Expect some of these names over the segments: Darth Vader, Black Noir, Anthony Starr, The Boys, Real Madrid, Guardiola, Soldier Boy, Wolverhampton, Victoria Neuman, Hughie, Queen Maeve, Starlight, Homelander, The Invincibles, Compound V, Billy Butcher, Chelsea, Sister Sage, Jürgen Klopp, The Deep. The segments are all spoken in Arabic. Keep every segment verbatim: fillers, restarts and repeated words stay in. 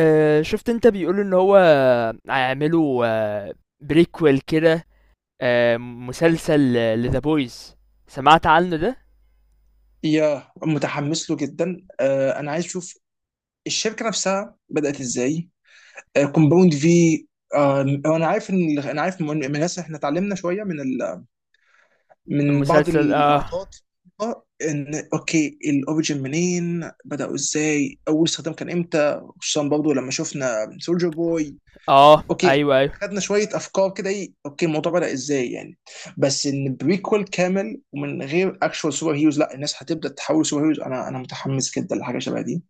آه، شفت انت بيقولوا ان هو هيعملوا آه، بريكويل كده آه، مسلسل لذا بويز سمعت عنه ده يا متحمس له جدا. آه انا عايز اشوف الشركه نفسها بدات ازاي. آه كومباوند في. آه انا عارف ان انا عارف من من الناس، احنا اتعلمنا شويه من ال... من بعض المسلسل اه اللقطات. آه، ان اوكي، الاوريجن منين، بداوا ازاي، اول استخدام كان امتى، خصوصا برضه لما شفنا سولجر بوي. اه اوكي ايوه ايوه خدنا شويه افكار كده، ايه اوكي الموضوع بدأ ازاي يعني. بس ان بريكول كامل ومن غير اكشوال سوبر هيروز، لا الناس هتبدا تحول سوبر هيروز. انا انا متحمس جدا لحاجه شبه دي.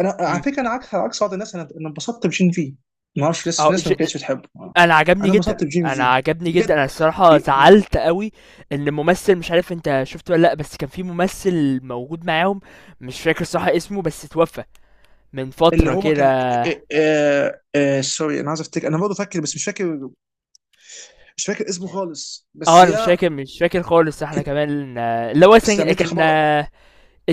انا على امم فكره، انا عكس عكس بعض الناس. انا انا انبسطت بجين في. ما اعرفش، في ناس في اه ناس ج... ما كانتش بتحبه. انا عجبني انا جدا، انبسطت بجين انا في، عجبني جدا بجد. انا الصراحه بي- زعلت قوي ان الممثل، مش عارف انت شفته ولا لا، بس كان في ممثل موجود معاهم، مش فاكر صح اسمه، بس اتوفى من اللي فتره هو كان... كده. آه، آه، آه، سوري، انا عايز افتكر، انا برضه فاكر بس مش فاكر. مش فاكر اسمه خالص، بس اه انا مش يا... فاكر مش فاكر خالص. احنا كمان آه، اللي هو بس سن- لما انت كان خبر... آه،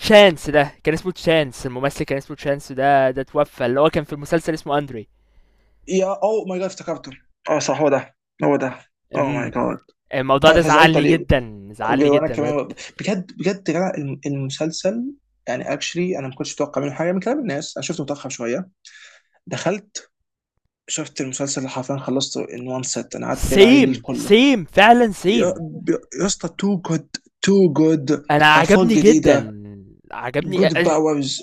تشانس ده، كان اسمه تشانس، الممثل كان اسمه تشانس ده، ده توفى، اللي هو كان في المسلسل اسمه اندري. يا او ماي جاد، افتكرته! اه صح، هو ده، هو ده. او ماي امم. جاد. ف- الموضوع ده فزعلت زعلني عليه جدا، زعلني وانا جدا بجد. كمان. بجد بجد يا جدع، الم- المسلسل يعني اكشلي انا ما كنتش متوقع منه حاجه. من كلام الناس انا شفته متاخر شويه. دخلت شفت المسلسل اللي حرفيا خلصته ان وان سيت، انا قعدت اتابع عليه الليل سيم كله. سيم فعلا يا سيم. يا اسطى، تو جود، تو جود. انا افاق عجبني جدا، جديده، عجبني أ- جود أ- باورز.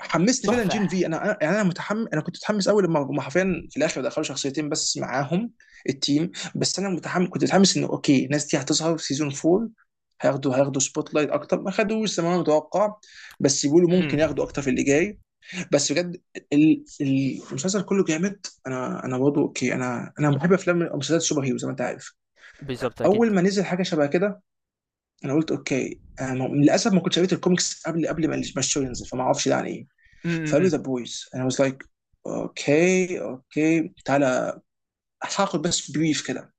حمسني فعلا تحفة. جين في. انا يعني انا متحمس انا كنت متحمس قوي لما هم حرفيا في الاخر دخلوا شخصيتين بس معاهم التيم. بس انا متحمس كنت متحمس انه اوكي الناس دي هتظهر في سيزون فور. هياخدوا هياخدوا سبوت لايت اكتر ما خدوش زي ما انا متوقع، بس يقولوا امم. ممكن ياخدوا اكتر في اللي جاي. بس بجد، ال- ال- المسلسل كله جامد. انا انا برضه اوكي، انا انا بحب افلام ومسلسلات السوبر هيرو زي ما انت عارف. بالظبط اكيد. اول ما نزل حاجه شبه كده، انا قلت اوكي، أنا م- للاسف ما كنتش قريت الكوميكس قبل قبل ما ما الشو ينزل، فما اعرفش ده عن ايه. فقالوا امم. ذا بويز، انا واز لايك: اوكي اوكي تعالى، هاخد بس بريف كده.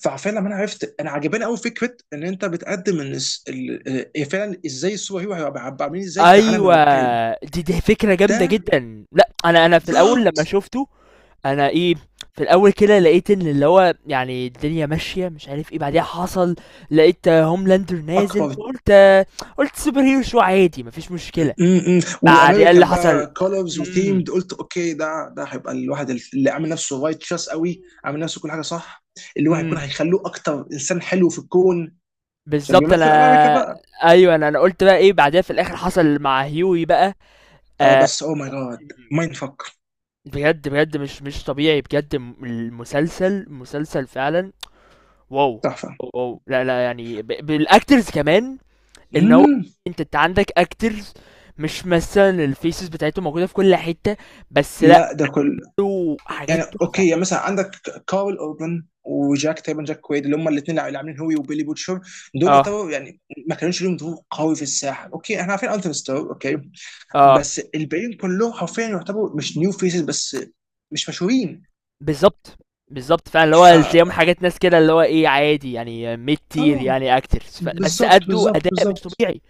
فعارفين لما انا عرفت، انا عجباني قوي فكره ان انت بتقدم ان الس- ال- ال- فعلا ازاي السوبر هيرو هيبقى، عب- عاملين ازاي في عالم ايوه، الواقعي. دي دي فكرة جامدة ده جدا. لا انا انا في الاول لما بالظبط شفته انا ايه، في الاول كده لقيت ان اللي هو يعني الدنيا ماشيه مش عارف ايه، بعديها حصل، لقيت هوملاندر نازل اكبر. فقلت، قلت سوبر هيرو شو عادي، مفيش مشكله. م- م- بعديها اللي وامريكان حصل. بقى كولرز امم. وثيمد، قلت اوكي ده ده هيبقى الواحد اللي عامل نفسه رايتشس قوي، عامل نفسه كل حاجه صح، اللي هو هيكون امم. هيخلوه اكتر انسان حلو في الكون عشان بالظبط. انا بيمثل امريكا بقى. ايوه، انا انا قلت بقى ايه بعديها، في الاخر حصل مع هيوي بقى. اه آه، بس او ماي جاد، مايند فك، بجد بجد، مش مش طبيعي بجد. الم- المسلسل مسلسل فعلا. واو تحفه. واو واو. لا لا يعني ب- بالاكترز كمان، ان هو مم. انت انت عندك اكترز، مش مثلا الفيسز بتاعتهم موجوده في كل حته، بس لا لا ده كل له حاجات يعني تحفه. اوكي، يعني مثلا عندك كارل اوربن وجاك، تقريبا جاك كويد، اللي هم الاثنين اللي عاملين هوي وبيلي بوتشر. دول اه يعتبروا يعني ما كانوش لهم ظهور قوي في الساحه. اوكي احنا عارفين التون ستار اوكي، اه بس الباقيين كلهم حرفيا يعتبروا مش نيو فيسز بس، مش مشهورين. بالظبط بالظبط فعلا اللي ف هو تلاقيهم حاجات ناس كده اللي هو ايه عادي، يعني ميد تير اه يعني اكترز، ف... بس بالظبط ادوا بالظبط اداء مش بالظبط، طبيعي.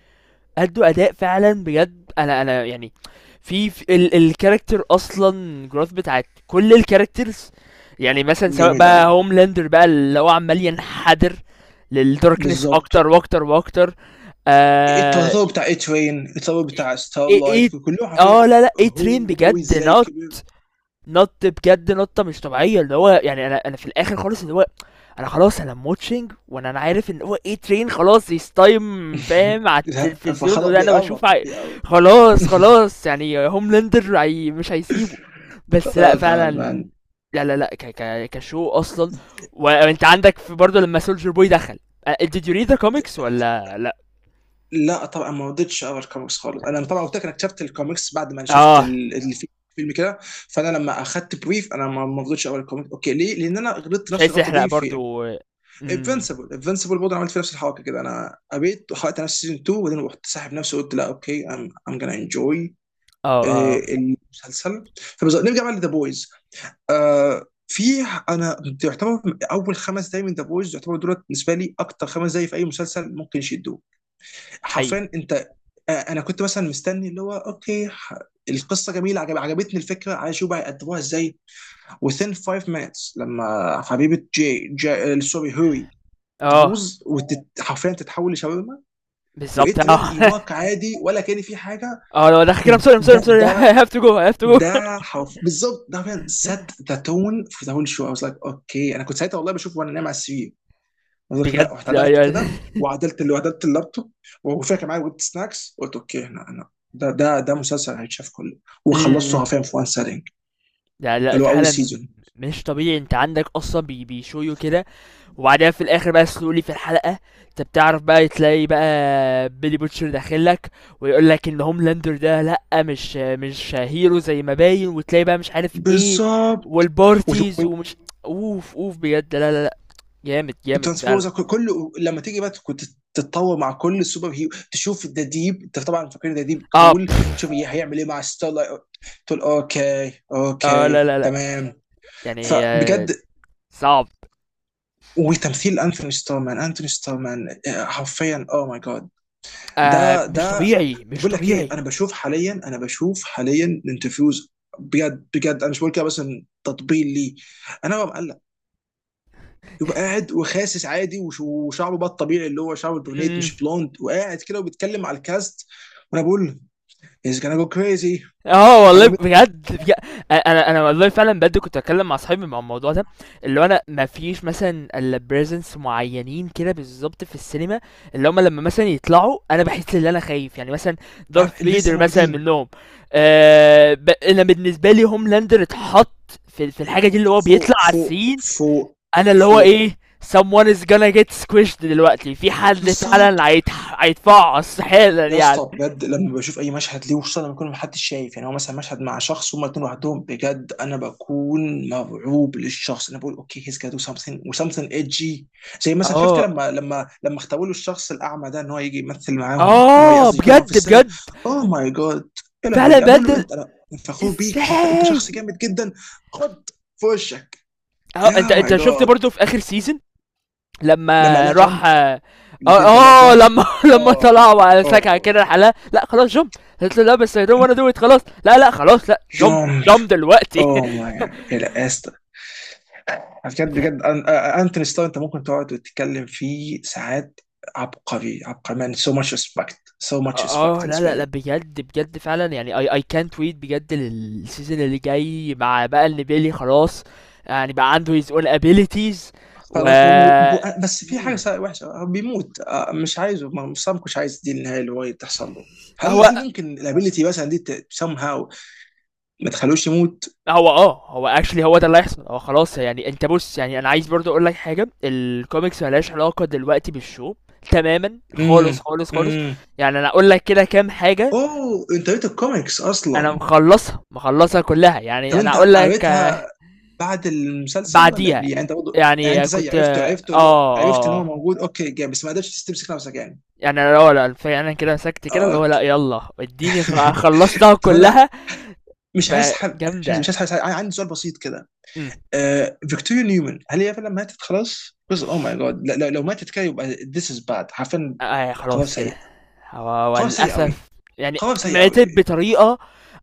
ادوا اداء فعلا بجد. انا انا يعني في، في ال... الكاركتر اصلا، جروث بتاعت كل الكاركترز، يعني مثلا سواء جميل بقى قوي، هوملاندر بقى اللي هو عمال ينحدر للداركنس اكتر بالظبط. واكتر واكتر. آه. التطور بتاع اي ترين، التطور بتاع ستار ايه ايه لايت، إيه، كلهم حرفيا اه لا لا، ايه هو ترين هو بجد ازاي نط، كبر. نط بجد نطه مش طبيعيه. اللي هو يعني انا انا في الاخر خالص اللي هو انا خلاص انا موتشنج، وانا انا عارف ان هو ايه ترين خلاص، يس تايم، فاهم، على لا التلفزيون فخلاص وده انا بشوف بيقرب عي... بيقرب. خلاص خلاص، يعني هوملاندر عي... مش هيسيبه. بس لا اه جاد فعلا، مان. لا لا لا، ك... ك... كشو اصلا. و- وانت عندك في برضه لما سولجر بوي دخل، آه، did you read the comics ولا لا؟ لا طبعا ما رضيتش اقرا الكوميكس خالص. انا طبعا قلت لك انا اكتشفت الكوميكس بعد ما شفت اه، ال- الفي- الفيلم كده. فانا لما اخدت بريف، انا ما ما رضيتش اقرا الكوميكس. اوكي ليه؟ لان انا غلطت مش نفس عايز الغلطه تحرق دي في برضو. امم. انفنسبل. انفنسبل برضه أنا عملت في نفس الحركه كده، انا قريت وحرقت نفسي سيزون اتنين، وبعدين رحت ساحب نفسي وقلت لا اوكي، ام ام جonna انجوي اه اه. المسلسل. فبز- نرجع بقى لذا بويز. آه في، انا تعتبر اول خمس دقايق من ذا بويز يعتبر دولت بالنسبه لي، اكتر خمس دقايق في اي مسلسل ممكن يشدوه حقيقي. حرفيا. انت آه انا كنت مثلا مستني اللي هو اوكي، ح- القصه جميله، عجب عجبتني الفكره، عايز اشوف بقى يقدموها ازاي. within five minutes لما حبيبه جي, جي آه، سوري هوري اه. تبوظ وحرفيا تتحول لشاورما. وايت بالظبط رين، اه. يواك عادي ولا كان في حاجه؟ اه لو دخل كده I'm sorry I'm sorry I'm ده sorry ده I have to go I have to go. ده حرف بالظبط، ده فعلا set the tone for the whole show. I was like اوكي، انا كنت ساعتها والله بشوف وانا نايم على السرير. I was like لا، بجد رحت عدلت ايوه. كده وعدلت، اللي عدلت اللابتوب، وفاكر كان معايا ويت سناكس، قلت اوكي هنا انا، ده ده ده مسلسل هيتشاف كله. وخلصته امم. حرفيا في وان سيتنج، لا لا اللي هو اول فعلا. سيزون. مش طبيعي، انت عندك اصلا بي بيشويو كده، وبعدين في الاخر بقى سلولي في الحلقه، انت بتعرف بقى تلاقي بقى بيلي بوتشر داخل لك ويقول لك ان هوملاندر ده لا، مش مش هيرو زي ما باين، وتلاقي بقى مش عارف ايه، بالظبط. والبارتيز ومش، اوف اوف بجد. لا لا لا، جامد جامد فعلا. وترانسبوزر كله لما تيجي بقى، كنت تتطور مع كل السوبر هيرو. تشوف ذا ديب، انت طبعا فاكرين ذا ديب اه، كول، تشوف بف. هي- هيعمل ايه مع ستارلايت، تقول اوكي اه اوكي لا لا لا تمام. يعني آه فبجد صعب. وتمثيل انثوني ستورمان انثوني ستورمان، آه، حرفيا او ماي جاد. آه ده مش ده طبيعي مش بقول لك ايه، طبيعي. انا بشوف حاليا انا بشوف حاليا الانترفيوز. بجد بجد انا مش بقول كده بس إن تطبيل ليه، انا ببقى مقلق. يبقى قاعد وخاسس عادي، وش- وشعره بقى الطبيعي اللي هو شعره البرونيت امم. مش بلوند، وقاعد كده وبيتكلم على الكاست، وانا بقول از جونا جو كريزي، اه والله هيقوم. بجد بجد. انا انا أنا والله فعلا بجد كنت اتكلم مع صاحبي مع الموضوع ده، اللي هو انا ما فيش مثلا الا بريزنس معينين كده بالظبط في السينما، اللي هم لما مثلا يطلعوا انا بحس ان انا خايف، يعني مثلا آه، دارث لسه فيدر مثلا موجودين منهم. آه، ب... انا بالنسبه لي هوملاندر اتحط في في الحاجه دي اللي هو فوق بيطلع على فوق السين فوق أنا اللي هو فوق، إيه، someone is gonna get squished دلوقتي، في حد فعلًا بالظبط. هيتح هيتفعص حالًا يا يعني. اسطى بجد، لما بشوف اي مشهد ليه، وخصوصا لما يكون محدش شايف، يعني هو مثلا مشهد مع شخص هما الاتنين لوحدهم، بجد انا بكون مرعوب للشخص. انا بقول اوكي هيز جادو سمثينج وسمثينج ايجي. زي مثلا شفت آه، لما لما لما اختاروا له الشخص الاعمى ده، ان هو يجي يمثل معاهم، ان هو آه قصدي يكون معاهم في بجد، السيفن. بجد، اوه ماي جاد، يا فعلًا لهوي، أنا بقول له بجد. انت، انا فخور بيك، انت انت شخص إزاي؟ جامد جدا. خد في وشك. آه، أنت يا ماي أنت شُفت جاد، برضه في آخر season لما لمّا لا راح، جامب، آه البنت لا آه، جامب. لمّا لمّا طلعوا اه على سكعة اه، كده لحالها، لأ خلاص jump. قالت له: "لأ بس I don't wanna do it"، خلاص، لأ، لأ خلاص لأ jump، جامب. jump دلوقتي. اوه ماي، لا يا اسطى، بجد ف بجد، أن- آه، انتوني ستار، انت ممكن تقعد وتتكلم فيه ساعات. عبقري عبقري مان، سو ماتش ريسبكت، سو ماتش ريسبكت اه لا بالنسبه لا لا لي. بجد بجد فعلا، يعني اي اي كانت ويت بجد للسيزون اللي جاي، مع بقى ان بيلي خلاص يعني بقى عنده his own abilities. و، خلاص و- و- بس في حاجه مم. سا- وحشه، هو بيموت، آه، مش عايزه، ما- مش سام، مش عايز دي النهايه اللي هو تحصل له. هل هو هل ممكن الابيلتي مثلا دي سام هاو ما تخلوش يموت؟ هو اه هو اكشلي هو ده اللي هيحصل. هو خلاص، يعني انت بص، يعني انا عايز برضو اقول لك حاجه، الكوميكس ملهاش علاقه دلوقتي بالشو تماما، امم خالص خالص خالص. امم. يعني انا اقول لك كده كام حاجه. اوه، انت قريت الكوميكس انا اصلا؟ مخلصها، مخلصها كلها، طب يعني انا انت اقول لك. قريتها بعد المسلسل ولا بعديها، قبليه، يعني انت برضه يعني انت يعني زي كنت عرفته اه عرفته اللي هو- عرفت ان اه هو اه، موجود اوكي جامد بس ما قدرتش تمسك نفسك يعني. يعني انا اه لا فعلا كده مسكت كده اللي هو لا اوكي. يلا اديني، خ- خلصتها طب انا كلها. مش عايز حب، مش عايز فجامدة. مش عايز, عايز، عندي سؤال بسيط كده. امم. آه، فيكتوريا نيومن، هل هي فعلا ماتت خلاص؟ جزء اوه ماي جاد، لو لو ماتت كده يبقى this is bad حرفيا. آه قرار خلاص كده. سيء، هو، قرار سيء قوي، وللاسف يعني قرار سيء قوي. ماتت بطريقة.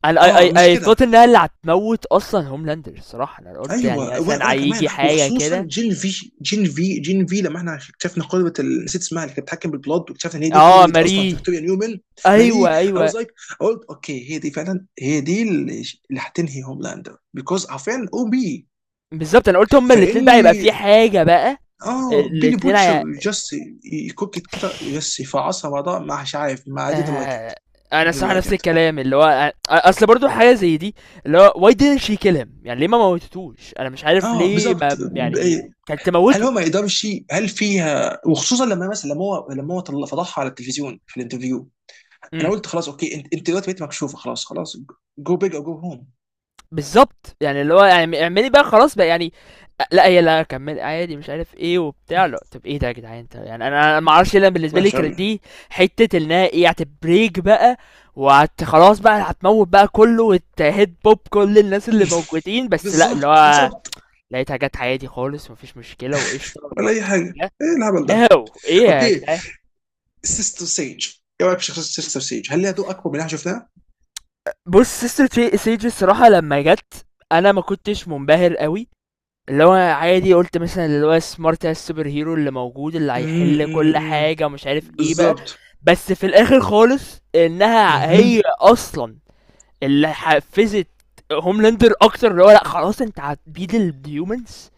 انا اي اه اي مش اي thought كده، انها اللي هتموت اصلا هوملاندر، الصراحة انا قلت ايوه. يعني وانا مثلا وأنا كمان، هيجي حاجة وخصوصا كده. جين في جين في جين في، لما احنا اكتشفنا قدوه ال- نسيت اسمها، اللي كانت بتتحكم بالبلاد، واكتشفنا ان هي دي اه قدوه اصلا ماري. فيكتوريا نيومن. ماري، ايوه اي ايوه، واز لايك، قلت اوكي هي دي فعلا، هي دي اللي اللي هتنهي هوملاندر، بيكوز عارفين او بي. بالظبط، انا قلت هما فان، الاتنين بقى يبقى في حاجة بقى. اه، بيلي الاتنين هي-، بوتشر جاست يكوك إت كده بس، يفعصها بعضها مش عارف. ما I didn't like آه، it, انا didn't الصراحه like نفس it. الكلام اللي هو أ- اصل برضو حاجه زي دي اللي هو why didn't she kill him، يعني ليه ما موتتوش، انا مش عارف اه ليه بالظبط. ما يعني كانت هل تموته. هو ما يقدرش؟ هل فيها؟ وخصوصا لما مثلا لما هو لما هو طل- فضحها على التلفزيون في الانترفيو. انا امم. قلت خلاص اوكي، انت انت دلوقتي بقيت مكشوفه، خلاص خلاص. جو بيج او جو هوم. بالظبط، يعني اللي هو يعني اعملي بقى خلاص بقى يعني، أ- لا هي لا كمل عادي مش عارف ايه وبتاع، لا طب ايه ده يا جدعان انت، يعني انا انا ما اعرفش ليه. أنا بالنسبه لي وحش قوي كانت يعني. دي حته انها ايه هتبريك بقى، وهت خلاص بقى هتموت بقى كله وتهد بوب كل الناس اللي موجودين. بس لا اللي بالظبط هو بالظبط، لقيتها جات عادي خالص مفيش مشكلة وقشطة اللي هو، ولا اي إيه حاجه، ده؟ ايه الهبل ده! هاو إيه يا اوكي، جدعان. سيستر سيج، ايه رايك في شخصيه سيستر سيج؟ هل ليها دور اكبر من اللي احنا شفناه؟ بص سيستر تي- سيج، الصراحة لما جت أنا ما كنتش منبهر قوي، اللي هو عادي قلت مثلا اللي هو سمارت السوبر هيرو اللي موجود اللي امم هيحل كل امم، حاجة مش عارف ايه بقى. بالظبط، بس في الآخر خالص، إنها امم هي أصلا اللي حفزت هوملاندر أكتر اللي هو لأ خلاص أنت هتبيد الهيومنز،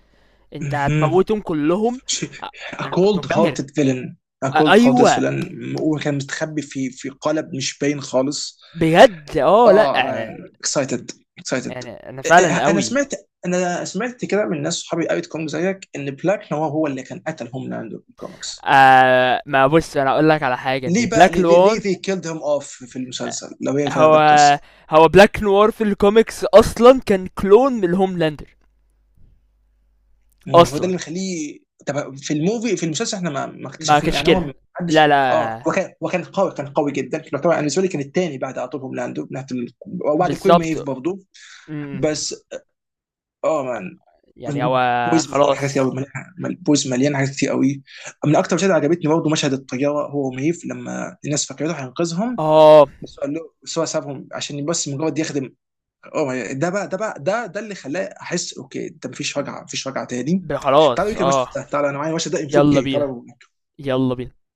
أنت امم. هتموتهم كلهم. أ- A أنا كنت cold منبهر. hearted villain. A أ- cold hearted أيوه villain، هو كان مستخبي في في قالب مش باين خالص. بجد. آه لأ، اه مان، آه، اكسايتد، اكسايتد. يعني أنا فعلًا انا أوي. سمعت، انا سمعت كده من ناس صحابي قريت كونج زيك ان بلاك نوار هو اللي كان قتل هوم لاندو في الكوميكس. آآ ما بُص، أنا هاقول لك على حاجة، إن ليه بقى، Black ليه ليه ليه they Noir، killed him off في أ المسلسل لو هي فعلا ده هو القصه؟ هو Black Noir في الcomics أصلًا كان clone من Homelander مم، هو ده أصلًا، اللي مخليه. طب في الموفي، في المسلسل احنا ما ما ما اكتشفنا كانش يعني هو كده. ما لا، حدش، اه لا، وكان وكان قوي، كان قوي جدا يعتبر. انا بالنسبه لي كان الثاني بعد على طول هوم لاندو من ناحيه ال- وبعد كوين ميف بالضبط، برضه. إمم، بس اه مان، يعني هو بويز مليان حاجات كتير خلاص. قوي مليان، بويز مليان حاجات كتير قوي. من اكتر مشاهد عجبتني برضه مشهد الطياره هو وميف، لما الناس فكرته هينقذهم، آه، بس هو قال له بس، هو سابهم عشان بس مجرد يخدم. أوه ما- ده بقى ده بقى ده ده اللي خلاه احس اوكي، ده مفيش رجعه، مفيش رجعه تاني. ب تعالوا خلاص، يمكن المشهد آه، ده، تعالوا انا معايا المشهد ده ان يالّا فور كيه، بينا، تعالوا. يالّا بينا.